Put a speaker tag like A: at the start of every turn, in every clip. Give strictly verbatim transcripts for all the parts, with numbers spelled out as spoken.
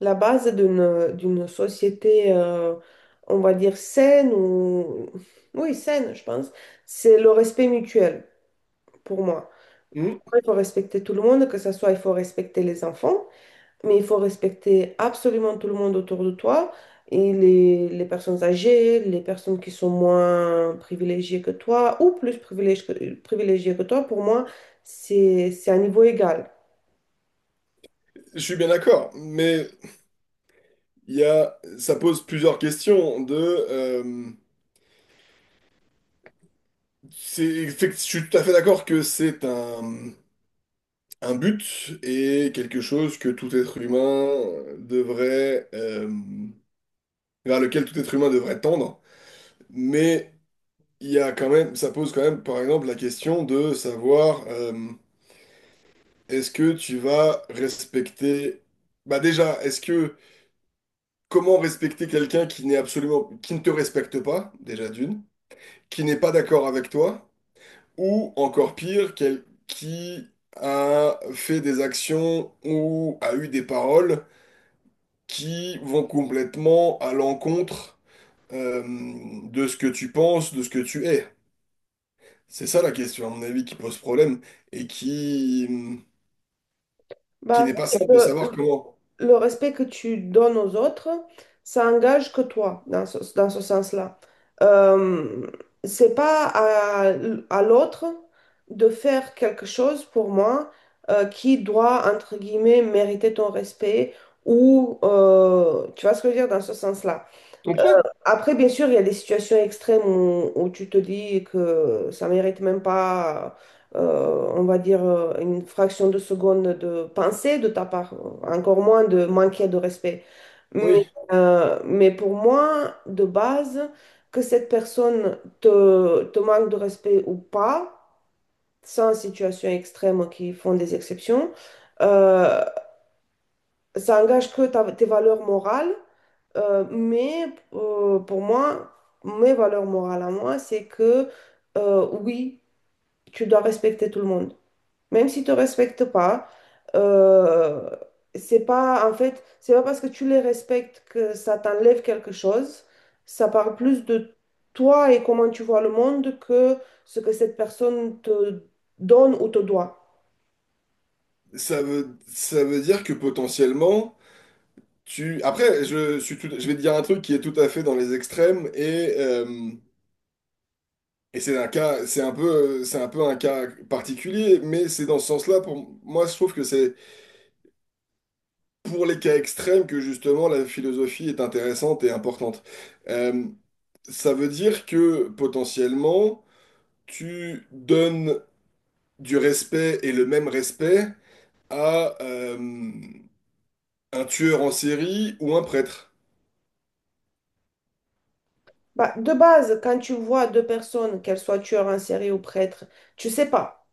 A: La base d'une d'une société, euh, on va dire saine ou oui saine, je pense, c'est le respect mutuel pour moi.
B: Hmm,
A: Il faut respecter tout le monde, que ce soit il faut respecter les enfants, mais il faut respecter absolument tout le monde autour de toi et les, les personnes âgées, les personnes qui sont moins privilégiées que toi ou plus privilégiées que, privilégiées que toi. Pour moi, c'est c'est un niveau égal.
B: je suis bien d'accord, mais il y a, ça pose plusieurs questions de, euh, c'est, effect- je suis tout à fait d'accord que c'est un, un but et quelque chose que tout être humain devrait, euh, vers lequel tout être humain devrait tendre, mais il y a quand même, ça pose quand même, par exemple, la question de savoir, euh, est-ce que tu vas respecter, bah déjà, est-ce que, comment respecter quelqu'un qui n'est absolument, qui ne te respecte pas, déjà d'une, qui n'est pas d'accord avec toi, ou encore pire, quel- qui a fait des actions ou a eu des paroles qui vont complètement à l'encontre euh, de ce que tu penses, de ce que tu es. C'est ça la question, à mon avis, qui pose problème et qui, qui
A: Bah,
B: n'est pas simple de
A: le,
B: savoir comment.
A: le respect que tu donnes aux autres, ça engage que toi dans ce, dans ce sens-là. Euh, c'est pas à, à l'autre de faire quelque chose pour moi euh, qui doit, entre guillemets, mériter ton respect ou, euh, tu vois ce que je veux dire dans ce sens-là.
B: Tu comprends?
A: Après, bien sûr, il y a des situations extrêmes où, où tu te dis que ça mérite même pas, euh, on va dire, euh, une fraction de seconde de pensée de ta part, encore moins de manquer de respect. Mais,
B: Oui.
A: euh, mais pour moi, de base, que cette personne te, te manque de respect ou pas, sans situation extrême qui font des exceptions, euh, ça engage que ta- tes valeurs morales. Euh, mais euh, pour moi, mes valeurs morales à moi, c'est que euh, oui, tu dois respecter tout le monde. Même si tu ne respectes pas, euh, c'est pas en fait, c'est pas parce que tu les respectes que ça t'enlève quelque chose. Ça parle plus de toi et comment tu vois le monde que ce que cette personne te donne ou te doit.
B: Ça veut, ça veut dire que potentiellement, tu... Après, je suis tout- je vais te dire un truc qui est tout à fait dans les extrêmes et, euh, et c'est un cas, c'est un peu, c'est un peu un cas particulier, mais c'est dans ce sens-là, pour moi, je trouve que c'est pour les cas extrêmes que justement la philosophie est intéressante et importante. Euh, ça veut dire que potentiellement, tu donnes du respect et le même respect à euh, un tueur en série ou un prêtre.
A: Bah, de base, quand tu vois deux personnes, qu'elles soient tueurs en série ou prêtres, tu sais pas.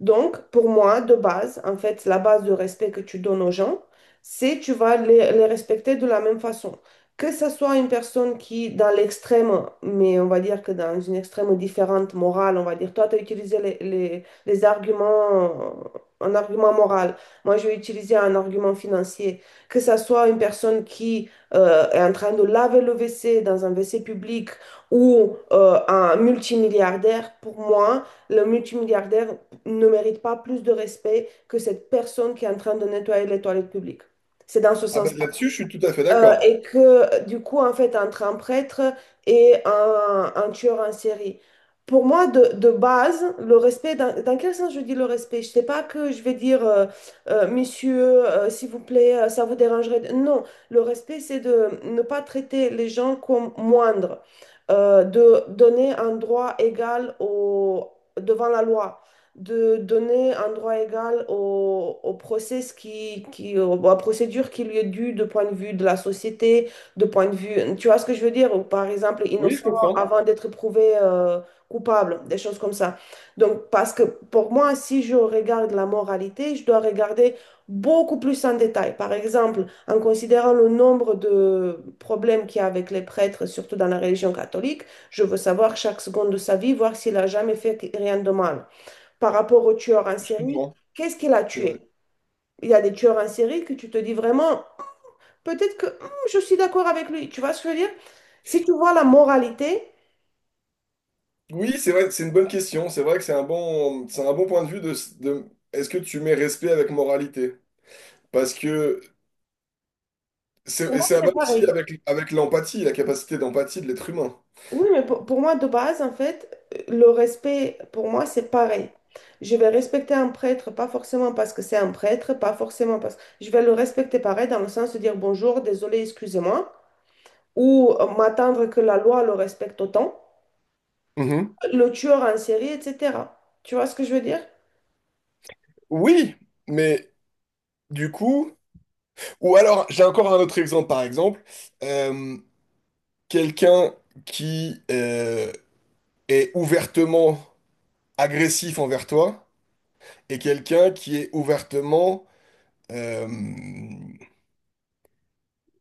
A: Donc, pour moi, de base, en fait, la base de respect que tu donnes aux gens, c'est tu vas les, les respecter de la même façon. Que ce soit une personne qui, dans l'extrême, mais on va dire que dans une extrême différente morale, on va dire, toi, tu as utilisé les, les, les arguments, euh, un argument moral, moi, je vais utiliser un argument financier. Que ce soit une personne qui euh, est en train de laver le W C dans un W C public ou euh, un multimilliardaire, pour moi, le multimilliardaire ne mérite pas plus de respect que cette personne qui est en train de nettoyer les toilettes publiques. C'est dans ce
B: Ah ben
A: sens-là.
B: là-dessus, je suis tout à fait
A: Euh,
B: d'accord.
A: et que du coup, en fait, entre un prêtre et un, un tueur en série, pour moi, de, de base, le respect, dans, dans quel sens je dis le respect? Je ne sais pas que je vais dire, euh, euh, monsieur, euh, s'il vous plaît, euh, ça vous dérangerait. de- Non, le respect, c'est de ne pas traiter les gens comme moindres, euh, de donner un droit égal au, devant la loi de donner un droit égal au, au process qui, qui, au- à la procédure qui lui est due de point de vue de la société, de point de vue, tu vois ce que je veux dire? Ou par exemple,
B: Oui, je
A: innocent
B: comprends.
A: avant d'être prouvé euh, coupable, des choses comme ça. Donc, parce que pour moi, si je regarde la moralité, je dois regarder beaucoup plus en détail. Par exemple, en considérant le nombre de problèmes qu'il y a avec les prêtres, surtout dans la religion catholique, je veux savoir chaque seconde de sa vie, voir s'il a jamais fait rien de mal par rapport au tueur en
B: Je
A: série,
B: comprends.
A: qu'est-ce qu'il a
B: C'est vrai.
A: tué? Il y a des tueurs en série que tu te dis vraiment, peut-être que hmm, je suis d'accord avec lui. Tu vois ce que je veux dire? Si tu vois la moralité,
B: Oui, c'est vrai, c'est une bonne question. C'est vrai que c'est un bon, c'est un bon point de vue de, de- est-ce que tu mets respect avec moralité? Parce que
A: pour
B: c'est, et
A: moi,
B: ça va
A: c'est
B: aussi
A: pareil.
B: avec, avec l'empathie, la capacité d'empathie de l'être humain.
A: Oui, mais pour, pour moi, de base, en fait, le respect, pour moi, c'est pareil. Je vais respecter un prêtre, pas forcément parce que c'est un prêtre, pas forcément parce que... Je vais le respecter pareil, dans le sens de dire bonjour, désolé, excusez-moi, ou euh, m'attendre que la loi le respecte autant,
B: Mhm.
A: le tueur en série, et cetera. Tu vois ce que je veux dire?
B: Oui, mais du coup, ou alors j'ai encore un autre exemple, par exemple, euh, quelqu'un qui euh, est ouvertement agressif envers toi et quelqu'un qui est ouvertement euh,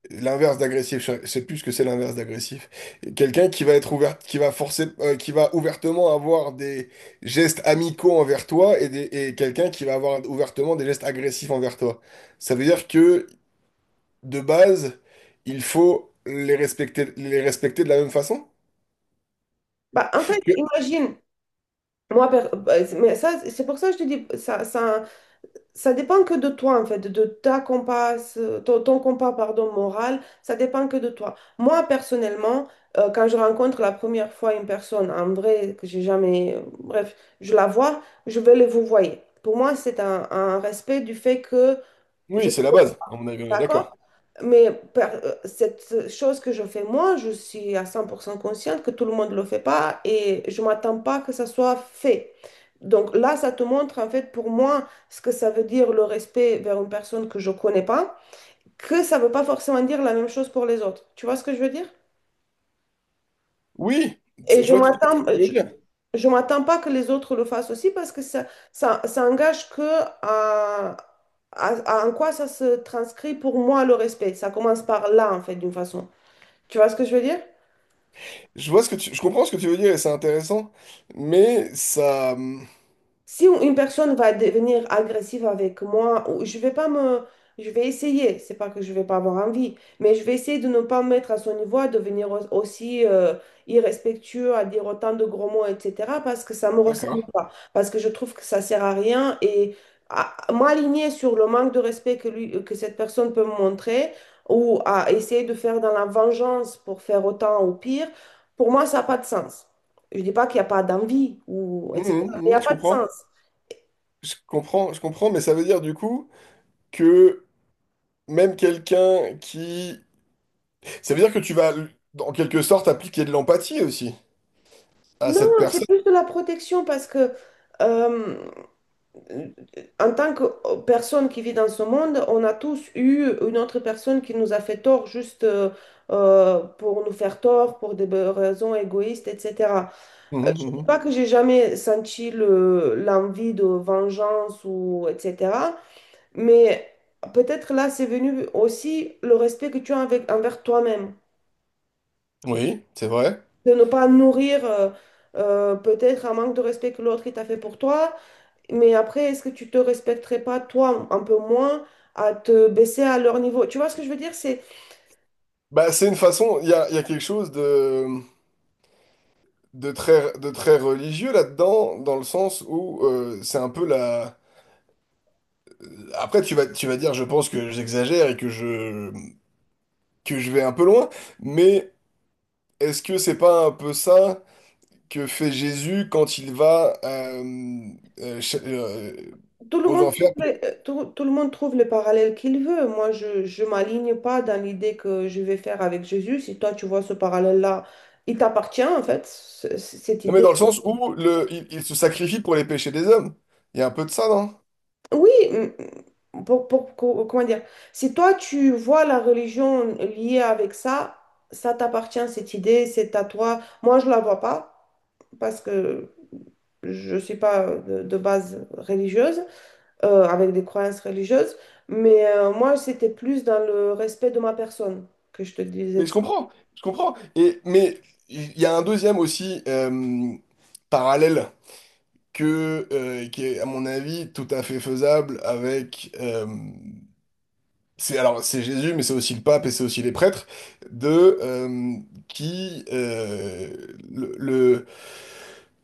B: l'inverse d'agressif, je sais plus ce que c'est l'inverse d'agressif. Quelqu'un qui va être ouvert, qui va forcer, euh, qui va ouvertement avoir des gestes amicaux envers toi et, des- et quelqu'un qui va avoir ouvertement des gestes agressifs envers toi. Ça veut dire que, de base, il faut les respecter, les respecter de la même façon?
A: Bah, en fait,
B: Que-
A: imagine, moi, per- bah, c'est- mais ça, c'est pour ça que je te dis, ça, ça, ça dépend que de toi, en fait, de ta compasse, ton, ton compas, pardon, moral, ça dépend que de toi. Moi, personnellement, euh, quand je rencontre la première fois une personne, en vrai, que j'ai jamais, euh, bref, je la vois, je vais le vous voyez. Pour moi, c'est un, un respect du fait que je
B: Oui,
A: te
B: c'est la
A: connais,
B: base, à mon avis, on est d'accord.
A: d'accord? Mais par- euh, cette chose que je fais moi, je suis à cent pour cent consciente que tout le monde ne le fait pas et je m'attends pas que ça soit fait. Donc là, ça te montre en fait pour moi ce que ça veut dire le respect vers une personne que je connais pas, que ça veut pas forcément dire la même chose pour les autres. Tu vois ce que je veux dire?
B: Oui,
A: Et
B: je
A: je
B: vois tout à fait ce
A: m'attends,
B: que tu veux
A: je,
B: dire.
A: je m'attends pas que les autres le fassent aussi parce que ça, ça, ça engage que à, à- à en quoi ça se transcrit pour moi le respect. Ça commence par là en fait d'une façon. Tu vois ce que je veux dire?
B: Je vois ce que tu, je comprends ce que tu veux dire et c'est intéressant, mais ça, hum,
A: Si une personne va devenir agressive avec moi, ou- je vais pas me, je vais essayer. C'est pas que je vais pas avoir envie, mais je vais essayer de ne pas me mettre à son niveau, à devenir au- aussi euh, irrespectueux, à dire autant de gros mots, et cetera. Parce que ça me ressemble
B: d'accord.
A: pas, parce que je trouve que ça sert à rien et à- à m'aligner sur le manque de respect que lui, que cette personne peut me montrer, ou à essayer de faire dans la vengeance pour faire autant ou pire, pour moi ça n'a pas de sens. Je dis pas qu'il n'y a pas d'envie ou
B: Hum,
A: et cetera.
B: hum,
A: Il n'y a
B: hum, je
A: pas de
B: comprends.
A: sens.
B: Je comprends, je comprends, mais ça veut dire du coup que même quelqu'un qui... Ça veut dire que tu vas, en quelque sorte, appliquer de l'empathie aussi à
A: Non,
B: cette
A: c'est
B: personne.
A: plus de la protection parce que euh, en tant que euh, personne qui vit dans ce monde, on a tous eu une autre personne qui nous a fait tort juste euh, euh, pour nous faire tort, pour des raisons égoïstes, et cetera.
B: Mhm,
A: C'est
B: mhm.
A: pas que j'ai jamais senti le, l'envie de vengeance ou et cetera. Mais peut-être là, c'est venu aussi le respect que tu as avec- envers toi-même.
B: Oui, c'est vrai.
A: De ne pas nourrir euh, euh, peut-être un manque de respect que l'autre il t'a fait pour toi. Mais après, est-ce que tu te respecterais pas toi un peu moins à te baisser à leur niveau? Tu vois ce que je veux dire? C'est
B: Bah, c'est une façon, il y a, il y a quelque chose de, de très, de très religieux là-dedans, dans le sens où euh, c'est un peu la... Après, tu vas, tu vas dire, je pense que j'exagère et que je, que je vais un peu loin, mais est-ce que c'est pas un peu ça? Que fait Jésus quand il va euh, euh, ch- euh,
A: tout le
B: aux
A: monde
B: enfers.
A: trouve les- euh, tout, tout le monde trouve le parallèle qu'il veut. Moi, je je m'aligne pas dans l'idée que je vais faire avec Jésus. Si toi tu vois ce parallèle-là, il t'appartient en fait, ce- cette
B: Non, mais
A: idée.
B: dans le sens où le, il, il se sacrifie pour les péchés des hommes. Il y a un peu de ça, non?
A: Oui, m- pour, pour- co- comment dire, si toi tu vois la religion liée avec ça, ça t'appartient, cette idée, c'est à toi. Moi, je la vois pas parce que je suis pas de, de base religieuse, euh, avec des croyances religieuses, mais euh, moi, c'était plus dans le respect de ma personne que je te disais
B: Mais
A: de
B: je
A: ça.
B: comprends, je comprends. Et, mais il y a un deuxième aussi euh, parallèle que, euh, qui est, à mon avis, tout à fait faisable avec... euh, c'est, alors, c'est Jésus, mais c'est aussi le pape et c'est aussi les prêtres, de, euh, qui... euh, le, le-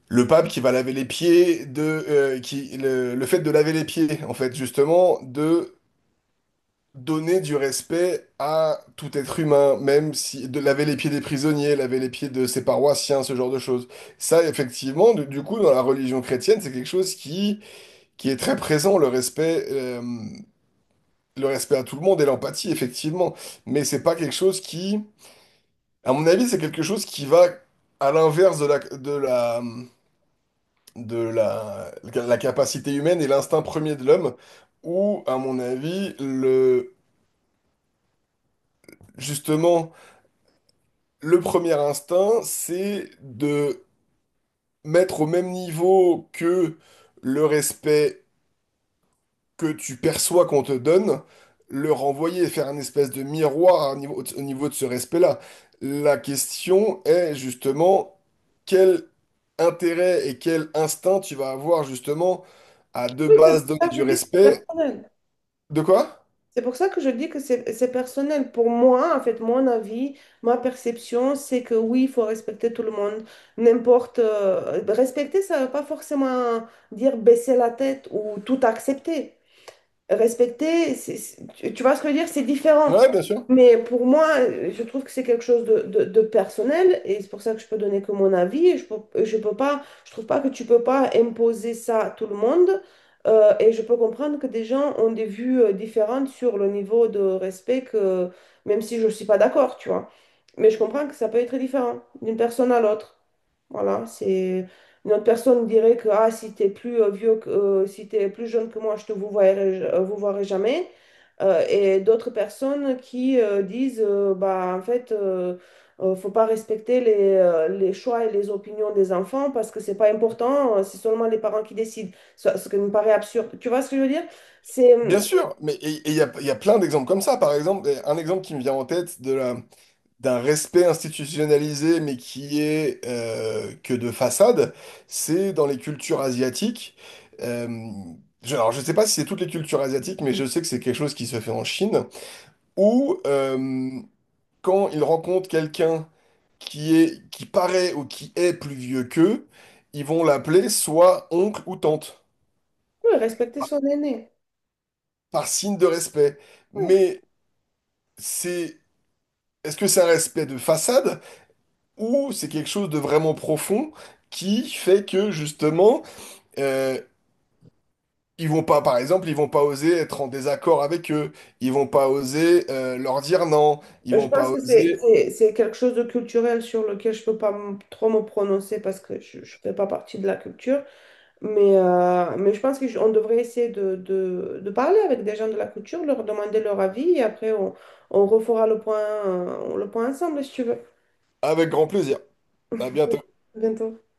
B: le pape qui va laver les pieds de euh, qui le, le fait de laver les pieds en fait justement de donner du respect à tout être humain même si de laver les pieds des prisonniers, laver les pieds de ses paroissiens, ce genre de choses, ça effectivement du, du coup dans la religion chrétienne c'est quelque chose qui qui est très présent, le respect euh, le respect à tout le monde et l'empathie effectivement, mais c'est pas quelque chose qui à mon avis c'est quelque chose qui va à l'inverse de la de la de la, la capacité humaine et l'instinct premier de l'homme, où, à mon avis, le, justement, le premier instinct, c'est de mettre au même niveau que le respect que tu perçois qu'on te donne, le renvoyer et faire un espèce de miroir à un niveau- au niveau de ce respect-là. La question est justement quel intérêt et quel instinct tu vas avoir justement à de
A: Oui, c'est pour
B: base
A: ça
B: donner
A: que je
B: du
A: dis que c'est
B: respect.
A: personnel.
B: De quoi?
A: C'est pour ça que je dis que c'est c'est personnel. Pour moi, en fait, mon avis, ma perception, c'est que oui, il faut respecter tout le monde. N'importe. Euh, respecter, ça ne veut pas forcément dire baisser la tête ou tout accepter respecter, c'est- c'est- tu vois ce que je veux dire? C'est différent.
B: Ouais, bien sûr.
A: Mais pour moi, euh, je trouve que c'est quelque chose de, de- de personnel et c'est pour ça que je peux donner que mon avis. Et je peux, je peux pas, je trouve pas que tu peux pas imposer ça à tout le monde. Euh, et je peux comprendre que des gens ont des vues euh, différentes sur le niveau de respect que, même si je suis pas d'accord, tu vois. Mais je comprends que ça peut être différent d'une personne à l'autre. Voilà, c'est une autre personne dirait que ah, si t'es plus euh, vieux que, euh, si t'es plus jeune que moi, je te vous verrai, euh, vous verrai jamais. Euh, et d'autres personnes qui euh, disent euh, bah en fait euh, euh, faut pas respecter les, euh, les choix et les opinions des enfants parce que c'est pas important, euh, c'est seulement les parents qui décident. Ce, ce qui me paraît absurde. Tu vois ce que je veux dire? C'est euh,
B: Bien sûr. Mais et- et il y a, il y a plein d'exemples comme ça. Par exemple, un exemple qui me vient en tête de la, d'un respect institutionnalisé, mais qui est euh, que de façade, c'est dans les cultures asiatiques. Euh, je, alors, je sais pas si c'est toutes les cultures asiatiques, mais je sais que c'est quelque chose qui se fait en Chine, où euh, quand ils rencontrent quelqu'un qui est, qui paraît ou qui est plus vieux qu'eux, ils vont l'appeler soit oncle ou tante,
A: ouais, respecter son aîné.
B: par signe de respect.
A: Ouais.
B: Mais c'est, est-ce que c'est un respect de façade ou c'est quelque chose de vraiment profond qui fait que justement euh, ils vont pas, par exemple, ils vont pas oser être en désaccord avec eux, ils vont pas oser euh, leur dire non, ils
A: Je
B: vont pas
A: pense que c'est
B: oser
A: c'est- c'est quelque chose de culturel sur lequel je peux pas m- trop me prononcer parce que je ne fais pas partie de la culture. Mais, euh, mais je pense qu'on devrait essayer de, de, de parler avec des gens de la culture, leur demander leur avis et après on, on refera le point, euh, le point ensemble si tu veux.
B: avec grand plaisir. À bientôt.
A: À bientôt.